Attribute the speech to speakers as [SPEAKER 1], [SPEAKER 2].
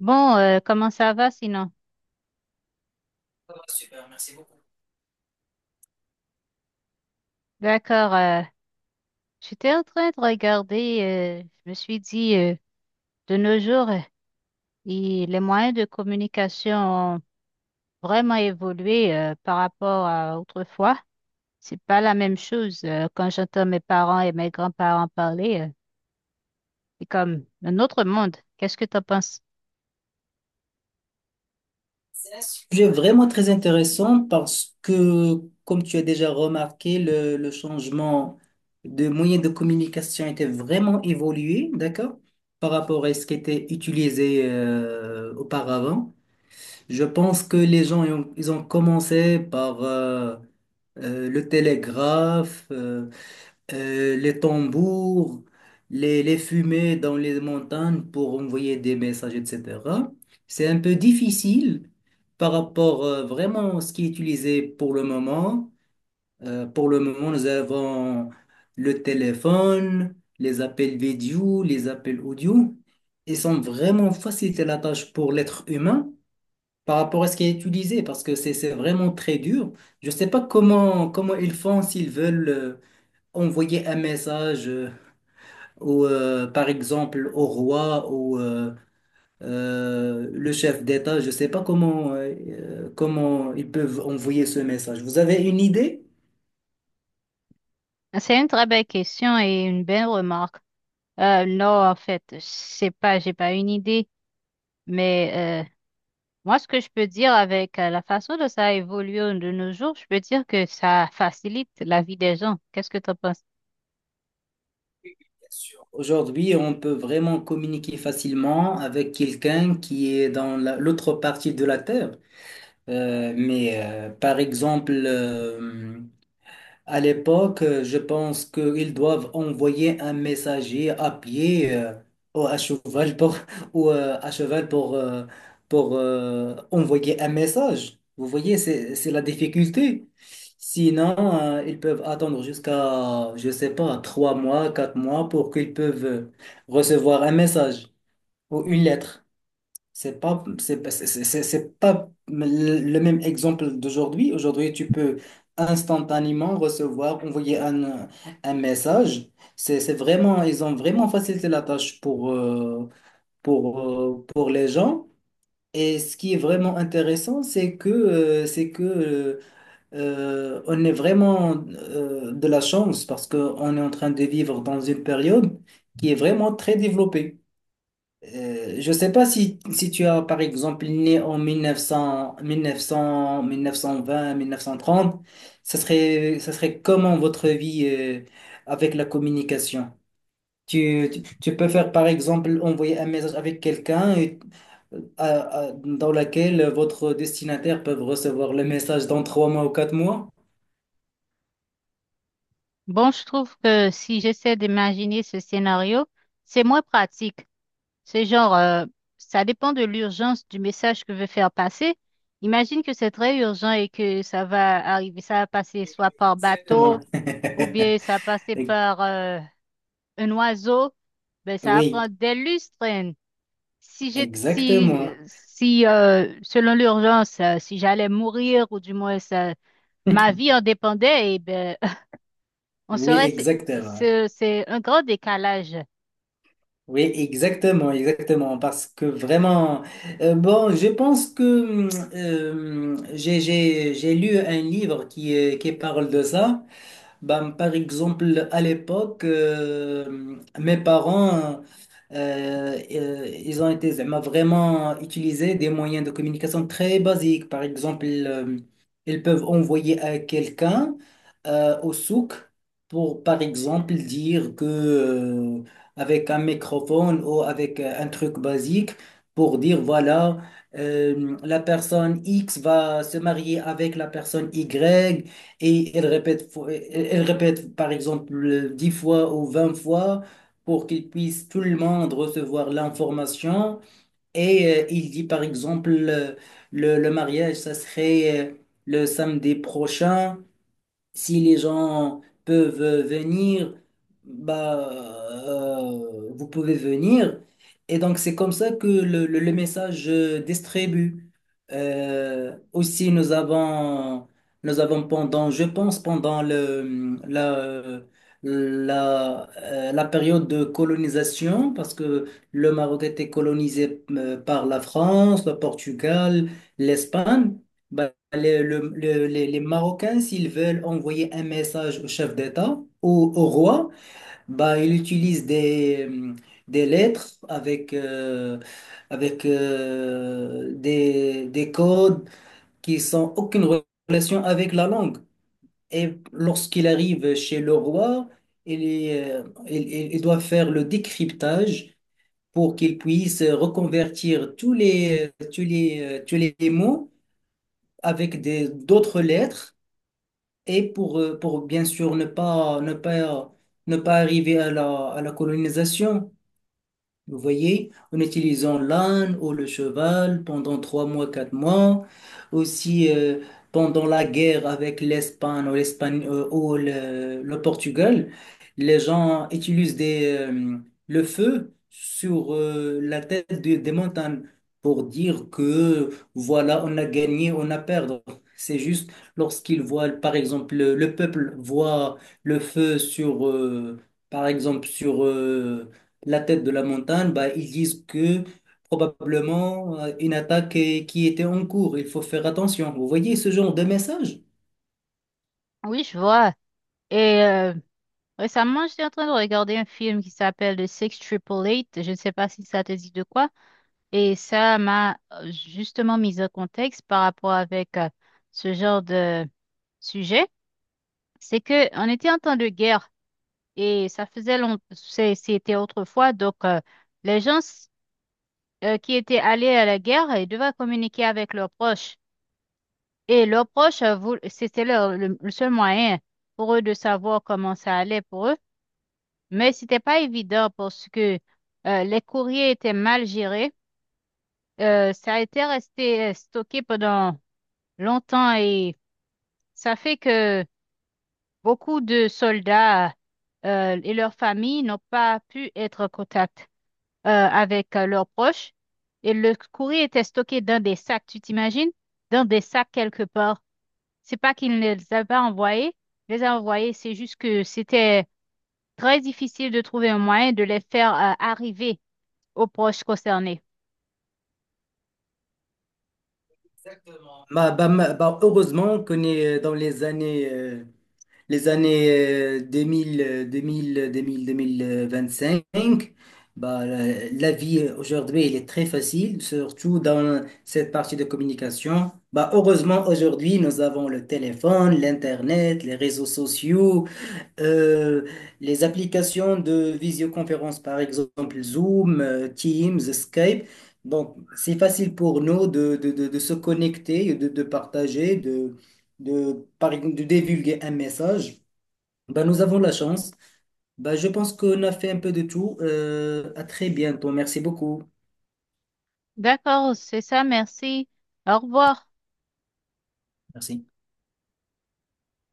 [SPEAKER 1] Bon, comment ça va sinon? D'accord. J'étais en train de regarder. Je me suis dit, de nos jours, les moyens de communication ont vraiment évolué par rapport à autrefois. C'est pas la même chose. Quand j'entends mes parents et mes grands-parents parler, c'est comme un autre monde. Qu'est-ce que tu en penses?
[SPEAKER 2] Sujet vraiment très intéressant parce que, comme tu as déjà remarqué, le changement de moyens de communication était vraiment évolué, d'accord, par rapport à ce qui était utilisé auparavant. Je pense que les gens, ils ont commencé par le télégraphe, les tambours, les fumées dans les montagnes pour envoyer des messages, etc. C'est un peu difficile par rapport vraiment à ce qui est utilisé pour le moment. Pour le moment, nous avons le téléphone, les appels vidéo, les appels audio. Ils sont vraiment facilités la tâche pour l'être humain par rapport à ce qui est utilisé parce que c'est vraiment très dur. Je ne sais pas comment ils font s'ils veulent envoyer un message, par exemple, au roi ou le chef d'État. Je ne sais pas comment ils peuvent envoyer ce message. Vous avez une idée?
[SPEAKER 1] Ah, c'est une très belle question et une belle remarque. Non, en fait, je sais pas, j'ai pas une idée, mais moi, ce que je peux dire avec la façon dont ça a évolué de nos jours, je peux dire que ça facilite la vie des gens. Qu'est-ce que tu en penses?
[SPEAKER 2] Aujourd'hui, on peut vraiment communiquer facilement avec quelqu'un qui est dans l'autre partie de la Terre. Mais par exemple, à l'époque, je pense qu'ils doivent envoyer un messager à pied ou à cheval pour, ou, à cheval pour envoyer un message. Vous voyez, c'est la difficulté. Sinon, ils peuvent attendre jusqu'à, je sais pas, 3 mois, 4 mois pour qu'ils peuvent recevoir un message ou une lettre. C'est pas le même exemple d'aujourd'hui. Aujourd'hui, tu peux instantanément recevoir, envoyer un message. Ils ont vraiment facilité la tâche pour les gens. Et ce qui est vraiment intéressant, c'est que on est vraiment de la chance parce qu'on est en train de vivre dans une période qui est vraiment très développée. Je ne sais pas si tu as, par exemple, né en 1930, ça serait comment votre vie avec la communication? Tu peux faire, par exemple, envoyer un message avec quelqu'un à- dans laquelle votre destinataire peut recevoir le message dans 3 mois ou 4 mois?
[SPEAKER 1] Bon, je trouve que si j'essaie d'imaginer ce scénario, c'est moins pratique. C'est genre, ça dépend de l'urgence du message que veut faire passer. Imagine que c'est très urgent et que ça va arriver, ça va passer soit par
[SPEAKER 2] Exactement.
[SPEAKER 1] bateau ou bien ça va passer par un oiseau. Ben, ça va
[SPEAKER 2] Oui,
[SPEAKER 1] prendre des lustres, hein. Si j'ai, si,
[SPEAKER 2] exactement.
[SPEAKER 1] si Selon l'urgence, si j'allais mourir ou du moins ça, ma vie en dépendait, eh ben, on
[SPEAKER 2] Oui,
[SPEAKER 1] serait,
[SPEAKER 2] exactement.
[SPEAKER 1] c'est un grand décalage.
[SPEAKER 2] Oui, exactement, exactement, parce que vraiment, bon, je pense que hum, j'ai lu un livre qui parle de ça. Ben, par exemple, à l'époque, mes parents, ils ont été z'ama, vraiment utilisés des moyens de communication très basiques. Par exemple, ils peuvent envoyer à quelqu'un au souk pour, par exemple, dire que avec un microphone ou avec un truc basique, pour dire, voilà, la personne X va se marier avec la personne Y. Et elle répète, elle répète par exemple 10 fois ou 20 fois pour qu'il puisse tout le monde recevoir l'information. Et il dit par exemple le mariage, ça serait le samedi prochain. Si les gens peuvent venir, bah, vous pouvez venir. Et donc, c'est comme ça que le message distribue. Aussi, nous avons pendant, je pense, pendant la période de colonisation, parce que le Maroc était colonisé par la France, le Portugal, l'Espagne. Bah, les Marocains, s'ils veulent envoyer un message au chef d'État, au roi, bah, ils utilisent des lettres avec des codes qui sont aucune relation avec la langue. Et lorsqu'il arrive chez le roi, il, est, il doit faire le décryptage pour qu'il puisse reconvertir tous les mots avec d'autres lettres et pour bien sûr ne pas arriver à à la colonisation, vous voyez, en utilisant l'âne ou le cheval pendant 3 mois, 4 mois, aussi pendant la guerre avec l'Espagne ou l'Espagne ou le Portugal, les gens utilisent le feu sur la tête des montagnes pour dire que voilà, on a gagné, on a perdu. C'est juste lorsqu'ils voient, par exemple, le peuple voit le feu sur, par exemple, sur la tête de la montagne, bah, ils disent que probablement une attaque qui était en cours, il faut faire attention. Vous voyez ce genre de message?
[SPEAKER 1] Oui, je vois. Et récemment, j'étais en train de regarder un film qui s'appelle The Six Triple Eight. Je ne sais pas si ça te dit de quoi. Et ça m'a justement mis en contexte par rapport avec ce genre de sujet. C'est que on était en temps de guerre. Et ça faisait longtemps, c'était autrefois. Donc, les gens qui étaient allés à la guerre, ils devaient communiquer avec leurs proches. Et leurs proches, le seul moyen pour eux de savoir comment ça allait pour eux. Mais c'était pas évident parce que les courriers étaient mal gérés. Ça a été resté stocké pendant longtemps et ça fait que beaucoup de soldats et leurs familles n'ont pas pu être contactés avec leurs proches. Et le courrier était stocké dans des sacs, tu t'imagines? Dans des sacs quelque part. C'est pas qu'ils ne les avaient pas envoyés, ils les a envoyés, c'est juste que c'était très difficile de trouver un moyen de les faire arriver aux proches concernés.
[SPEAKER 2] Bah, heureusement qu'on est dans les années 2000, 2000, 2000, 2025. Bah, la vie aujourd'hui, elle est très facile, surtout dans cette partie de communication. Bah, heureusement, aujourd'hui, nous avons le téléphone, l'Internet, les réseaux sociaux. Euh, les applications de visioconférence, par exemple Zoom, Teams, Skype. Donc, c'est facile pour nous de se connecter, de partager, de, par exemple, de divulguer un message. Ben, nous avons la chance. Ben, je pense qu'on a fait un peu de tout. À très bientôt. Merci beaucoup.
[SPEAKER 1] D'accord, c'est ça, merci. Au revoir.
[SPEAKER 2] Merci.